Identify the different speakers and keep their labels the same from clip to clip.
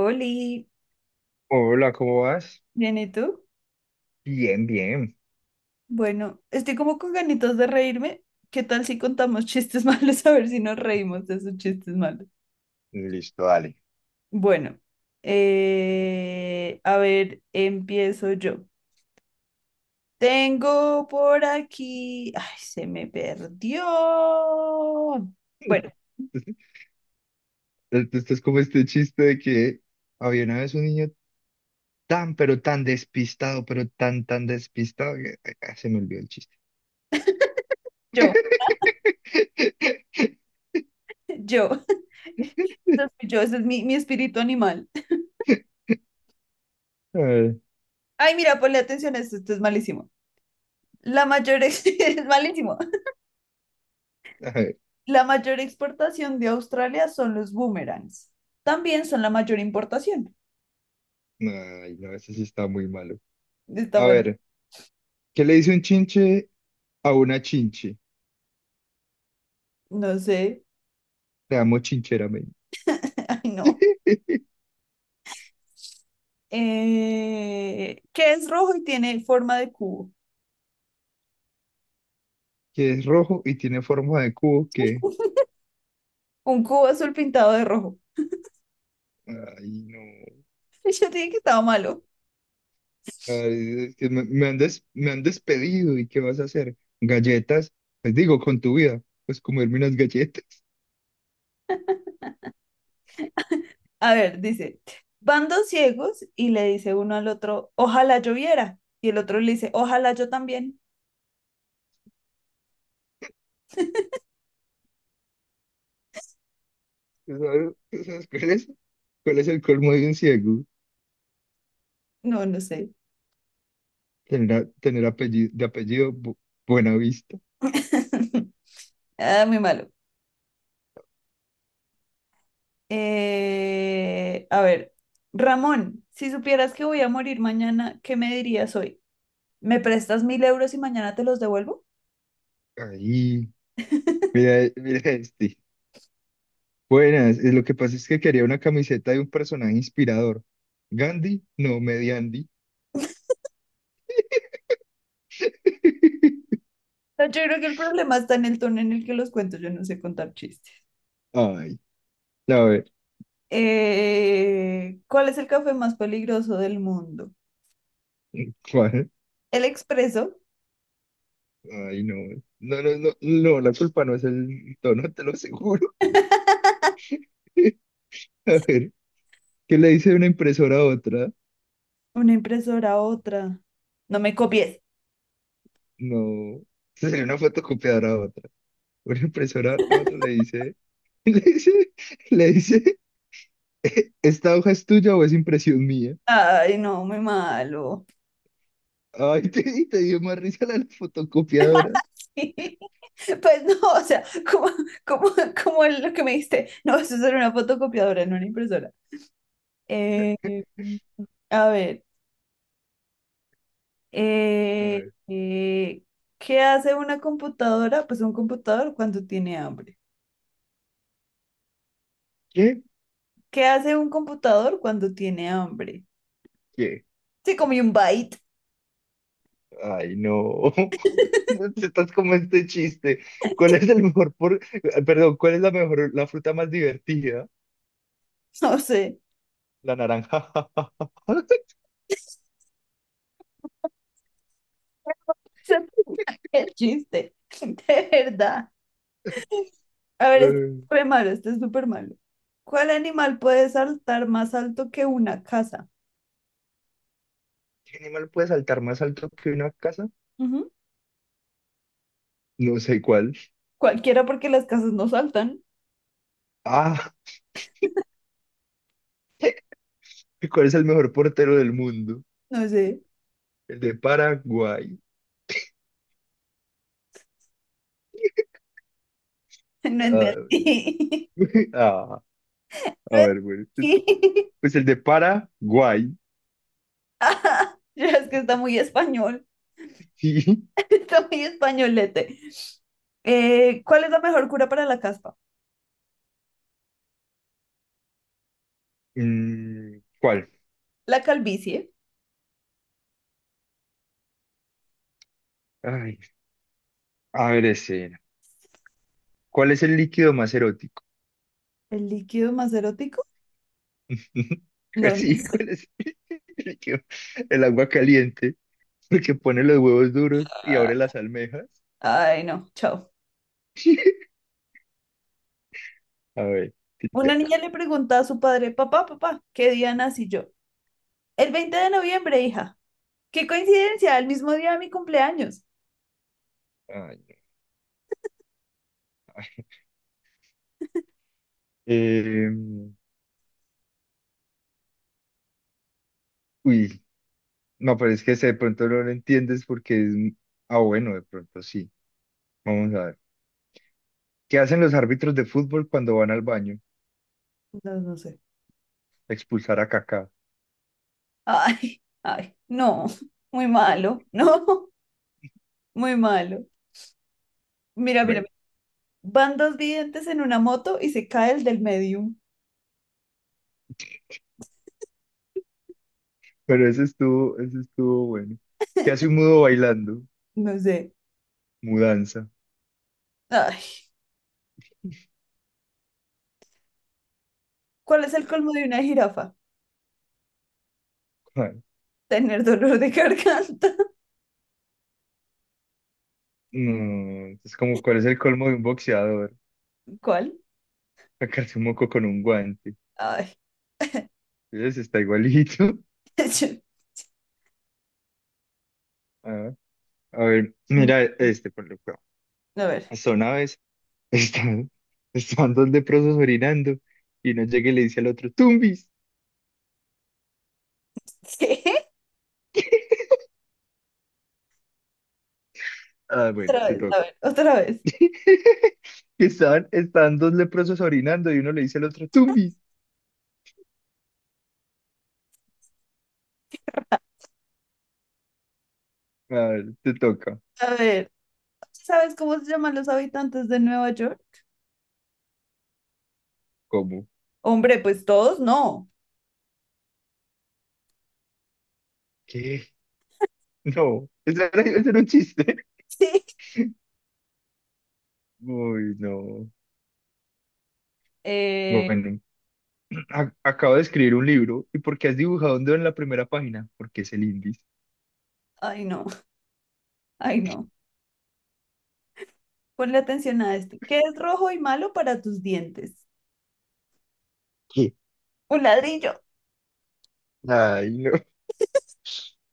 Speaker 1: Oli,
Speaker 2: Hola, ¿cómo vas?
Speaker 1: bien, ¿y tú?
Speaker 2: Bien, bien.
Speaker 1: Bueno, estoy como con ganitas de reírme. ¿Qué tal si contamos chistes malos? A ver si nos reímos de esos chistes malos.
Speaker 2: Listo, dale.
Speaker 1: Bueno, a ver, empiezo yo. Tengo por aquí. Ay, se me perdió. Bueno,
Speaker 2: Esto es como este chiste de que había una vez un niño tan, pero tan despistado, pero tan despistado que ay, se me olvidó el chiste.
Speaker 1: yo, yo. Entonces, yo, ese es mi espíritu animal.
Speaker 2: Ay,
Speaker 1: Ay, mira, ponle atención a esto, esto es malísimo. Es malísimo.
Speaker 2: ay,
Speaker 1: La mayor exportación de Australia son los boomerangs. También son la mayor importación.
Speaker 2: no, ese sí está muy malo.
Speaker 1: Está
Speaker 2: A
Speaker 1: mal.
Speaker 2: ver, ¿qué le dice un chinche a una chinche?
Speaker 1: No sé.
Speaker 2: Te amo chincheramente.
Speaker 1: Ay, no. ¿Qué es rojo y tiene forma de cubo?
Speaker 2: ¿Que es rojo y tiene forma de cubo que...?
Speaker 1: Un cubo azul pintado de rojo.
Speaker 2: Ay, no.
Speaker 1: Yo dije que estaba malo.
Speaker 2: Ay, que me han me han despedido y ¿qué vas a hacer? Galletas, les digo, con tu vida, pues comerme unas galletas.
Speaker 1: A ver, dice, van dos ciegos y le dice uno al otro, ojalá lloviera. Y el otro le dice, ojalá yo también.
Speaker 2: Tú sabes cuál es? ¿Cuál es el colmo de un ciego?
Speaker 1: No, no sé.
Speaker 2: Tener, tener apellido, de apellido Buenavista.
Speaker 1: Ah, muy malo. A ver, Ramón, si supieras que voy a morir mañana, ¿qué me dirías hoy? ¿Me prestas 1.000 euros y mañana te los devuelvo?
Speaker 2: Ahí, mira, mira este. Buenas, lo que pasa es que quería una camiseta de un personaje inspirador. Gandhi, no, Mediandi.
Speaker 1: No, yo creo que el problema está en el tono en el que los cuento, yo no sé contar chistes.
Speaker 2: Ay, a ver,
Speaker 1: ¿Cuál es el café más peligroso del mundo?
Speaker 2: ¿cuál?
Speaker 1: ¿El expreso?
Speaker 2: Ay, no, no, no, no, no, la culpa no es el tono, te lo aseguro. A ver, ¿qué le dice una impresora a otra?
Speaker 1: ¿Una impresora otra? No me copies.
Speaker 2: No, sería una fotocopiadora a otra. Una impresora a otra le dice, le dice, le dice, ¿esta hoja es tuya o es impresión mía?
Speaker 1: Ay, no, muy malo.
Speaker 2: Ay, y te dio más risa la de la fotocopiadora.
Speaker 1: Pues no, o sea, como, como, como lo que me diste, no, eso es una fotocopiadora, no una impresora. Eh, a ver,
Speaker 2: A
Speaker 1: eh,
Speaker 2: ver,
Speaker 1: eh, ¿Qué hace una computadora? Pues un computador cuando tiene hambre.
Speaker 2: ¿qué?
Speaker 1: ¿Qué hace un computador cuando tiene hambre?
Speaker 2: ¿Qué?
Speaker 1: Se comió un byte,
Speaker 2: Ay, no. Estás como este chiste. ¿Cuál es el mejor Perdón, ¿cuál es la fruta más divertida?
Speaker 1: no sé.
Speaker 2: La naranja.
Speaker 1: Qué chiste, de verdad. A ver, este es
Speaker 2: Eh,
Speaker 1: súper malo, este es súper malo. ¿Cuál animal puede saltar más alto que una casa?
Speaker 2: ¿Qué animal puede saltar más alto que una casa?
Speaker 1: Ujú.
Speaker 2: No sé cuál.
Speaker 1: Cualquiera porque las casas no saltan.
Speaker 2: Ah, ¿cuál es el mejor portero del mundo?
Speaker 1: No sé,
Speaker 2: El de Paraguay.
Speaker 1: no
Speaker 2: Ah,
Speaker 1: entendí.
Speaker 2: ah, a
Speaker 1: No
Speaker 2: ver, bueno.
Speaker 1: entendí.
Speaker 2: Pues el de Paraguay.
Speaker 1: Ajá, ya es que está muy español, está muy españolete. ¿Cuál es la mejor cura para la caspa?
Speaker 2: Mm, ¿cuál?
Speaker 1: La calvicie,
Speaker 2: Ay, a ver, ese. ¿Cuál es el líquido más erótico?
Speaker 1: el líquido más erótico. No, no
Speaker 2: Sí, ¿cuál
Speaker 1: sé.
Speaker 2: es el líquido? El agua caliente, porque pone los huevos duros y abre las almejas.
Speaker 1: Ay, no, chao.
Speaker 2: A ver,
Speaker 1: Una
Speaker 2: tic-tac.
Speaker 1: niña le pregunta a su padre, papá, papá, ¿qué día nací yo? El 20 de noviembre, hija. ¿Qué coincidencia? El mismo día de mi cumpleaños.
Speaker 2: Ay, no. Eh, uy, no, pero es que ese de pronto no lo entiendes porque ah, bueno, de pronto sí. Vamos a ver. ¿Qué hacen los árbitros de fútbol cuando van al baño?
Speaker 1: No, no sé.
Speaker 2: Expulsar a Kaká.
Speaker 1: Ay, ay, no, muy malo, no, muy malo. Mira, mira,
Speaker 2: Bueno,
Speaker 1: mira. Van dos videntes en una moto y se cae el del medio.
Speaker 2: pero ese estuvo bueno. ¿Qué hace un mudo bailando?
Speaker 1: No sé.
Speaker 2: Mudanza.
Speaker 1: Ay, ¿cuál es el colmo de una jirafa?
Speaker 2: Ah,
Speaker 1: Tener dolor de garganta.
Speaker 2: no, es como, ¿cuál es el colmo de un boxeador?
Speaker 1: ¿Cuál?
Speaker 2: Sacarse un moco con un guante.
Speaker 1: Ay,
Speaker 2: Ese está igualito.
Speaker 1: yo-
Speaker 2: Ah, a ver,
Speaker 1: mm,
Speaker 2: mira este, por lo que...
Speaker 1: a ver.
Speaker 2: Son aves. Están, están dos leprosos orinando y uno llega y le dice al otro, Tumbis.
Speaker 1: ¿Qué?
Speaker 2: Ah, bueno,
Speaker 1: Otra
Speaker 2: te
Speaker 1: vez, a
Speaker 2: toca.
Speaker 1: ver, otra vez.
Speaker 2: Están dos leprosos orinando y uno le dice al otro, Tumbis. Ah, te toca.
Speaker 1: A ver, ¿sabes cómo se llaman los habitantes de Nueva York?
Speaker 2: ¿Cómo?
Speaker 1: Hombre, pues todos no.
Speaker 2: ¿Qué? No, eso era, ese era un chiste.
Speaker 1: Sí.
Speaker 2: Uy, no.
Speaker 1: Eh,
Speaker 2: Bueno, acabo de escribir un libro. ¿Y por qué has dibujado un dedo en la primera página? Porque es el índice.
Speaker 1: ay, no, ay, no. Ponle atención a esto. ¿Qué es rojo y malo para tus dientes?
Speaker 2: ¿Qué?
Speaker 1: Un ladrillo.
Speaker 2: Ay, no.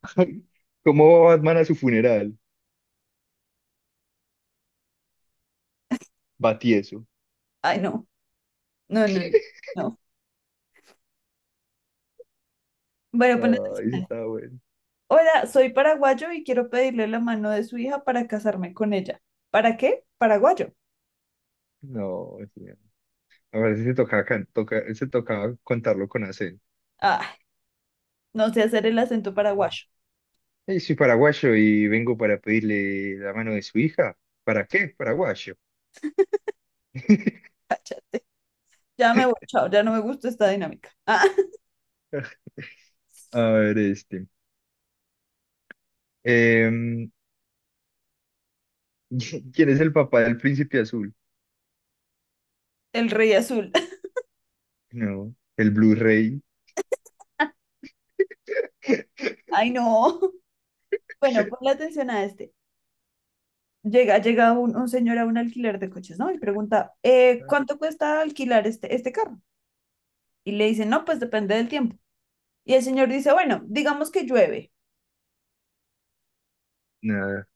Speaker 2: ¿Cómo va Batman a su funeral? Batieso.
Speaker 1: Ay, no, no, no, no, no. Bueno, ponle
Speaker 2: Ay, ese
Speaker 1: atención.
Speaker 2: estaba bueno.
Speaker 1: Hola, soy paraguayo y quiero pedirle la mano de su hija para casarme con ella. ¿Para qué? Paraguayo.
Speaker 2: No, sí. A ver, ese tocaba contarlo con acento.
Speaker 1: Ah, no sé hacer el acento paraguayo.
Speaker 2: Soy paraguayo y vengo para pedirle la mano de su hija. ¿Para qué? Paraguayo.
Speaker 1: Ya me voy, chao, ya no me gusta esta dinámica. Ah,
Speaker 2: A ver, este. Em, ¿quién es el papá del príncipe azul?
Speaker 1: el rey azul.
Speaker 2: No, el Blu-ray.
Speaker 1: Ay, no. Bueno, ponle atención a este. Llega un señor a un alquiler de coches, ¿no? Y pregunta, ¿cuánto cuesta alquilar este carro? Y le dicen, no, pues depende del tiempo. Y el señor dice, bueno, digamos que llueve.
Speaker 2: Nada.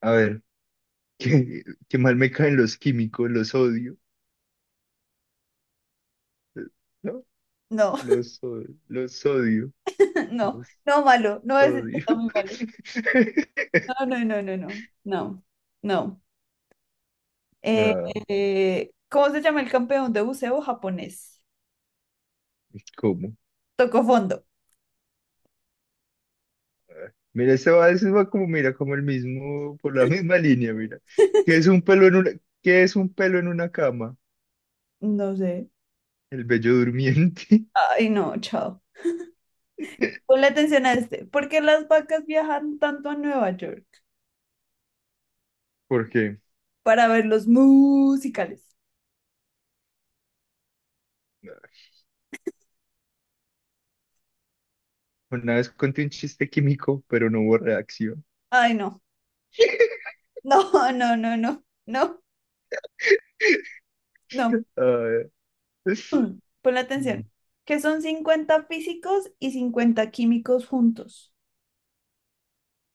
Speaker 2: A ver, qué, qué mal me caen los químicos, los odio. ¿No?
Speaker 1: No,
Speaker 2: Los, los odio.
Speaker 1: no,
Speaker 2: Los
Speaker 1: no, malo, no es,
Speaker 2: odio.
Speaker 1: está muy malo. No, no, no, no, no, no, no. Eh,
Speaker 2: Ah,
Speaker 1: ¿Cómo se llama el campeón de buceo japonés?
Speaker 2: ¿cómo?
Speaker 1: Tocó fondo.
Speaker 2: Mira, ese va como, mira, como el mismo, por la misma línea, mira. ¿Qué es un pelo en qué es un pelo en una cama?
Speaker 1: No sé.
Speaker 2: El bello durmiente.
Speaker 1: Ay, no, chao. Ponle atención a este. ¿Por qué las vacas viajan tanto a Nueva York?
Speaker 2: Porque
Speaker 1: Para ver los musicales.
Speaker 2: una vez conté un chiste químico, pero no hubo reacción.
Speaker 1: Ay, no. No, no, no, no, no, no.
Speaker 2: Ah,
Speaker 1: Ponle atención. Que son 50 físicos y 50 químicos juntos.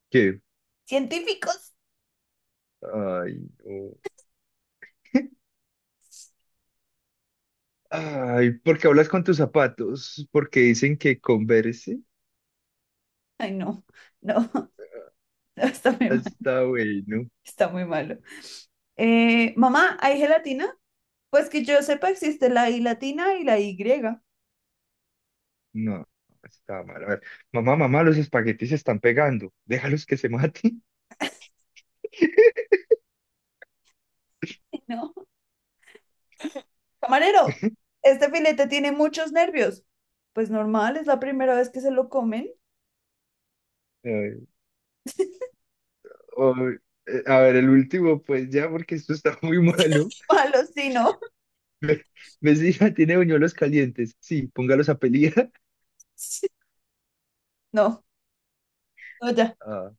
Speaker 2: ¿qué?
Speaker 1: ¿Científicos?
Speaker 2: Ay, no. Ay, ¿por qué hablas con tus zapatos? Porque dicen que converse.
Speaker 1: Ay, no, no, no, está muy mal.
Speaker 2: Está bueno.
Speaker 1: Está muy malo. Mamá, ¿hay gelatina? Pues que yo sepa, existe la I latina y la Y.
Speaker 2: No, está mal. A ver, mamá, mamá, los espaguetis se están pegando. Déjalos que se maten.
Speaker 1: No. Camarero, este filete tiene muchos nervios. Pues normal, es la primera vez que se lo comen.
Speaker 2: O, a ver, el último, pues ya, porque esto está muy malo.
Speaker 1: Malos, sí, no.
Speaker 2: Ve- Vecina, tiene buñuelos calientes. Sí, póngalos a pelear.
Speaker 1: No, no, ya.
Speaker 2: Ah,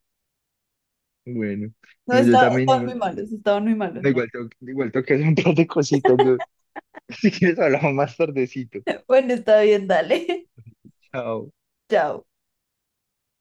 Speaker 2: bueno.
Speaker 1: No,
Speaker 2: Bueno, yo también, igual
Speaker 1: estaban muy malos, no.
Speaker 2: igual tengo que hacer un par de cositas. Yo, si quieres, hablamos más tardecito.
Speaker 1: Bueno, está bien, dale.
Speaker 2: Chao.
Speaker 1: Chao.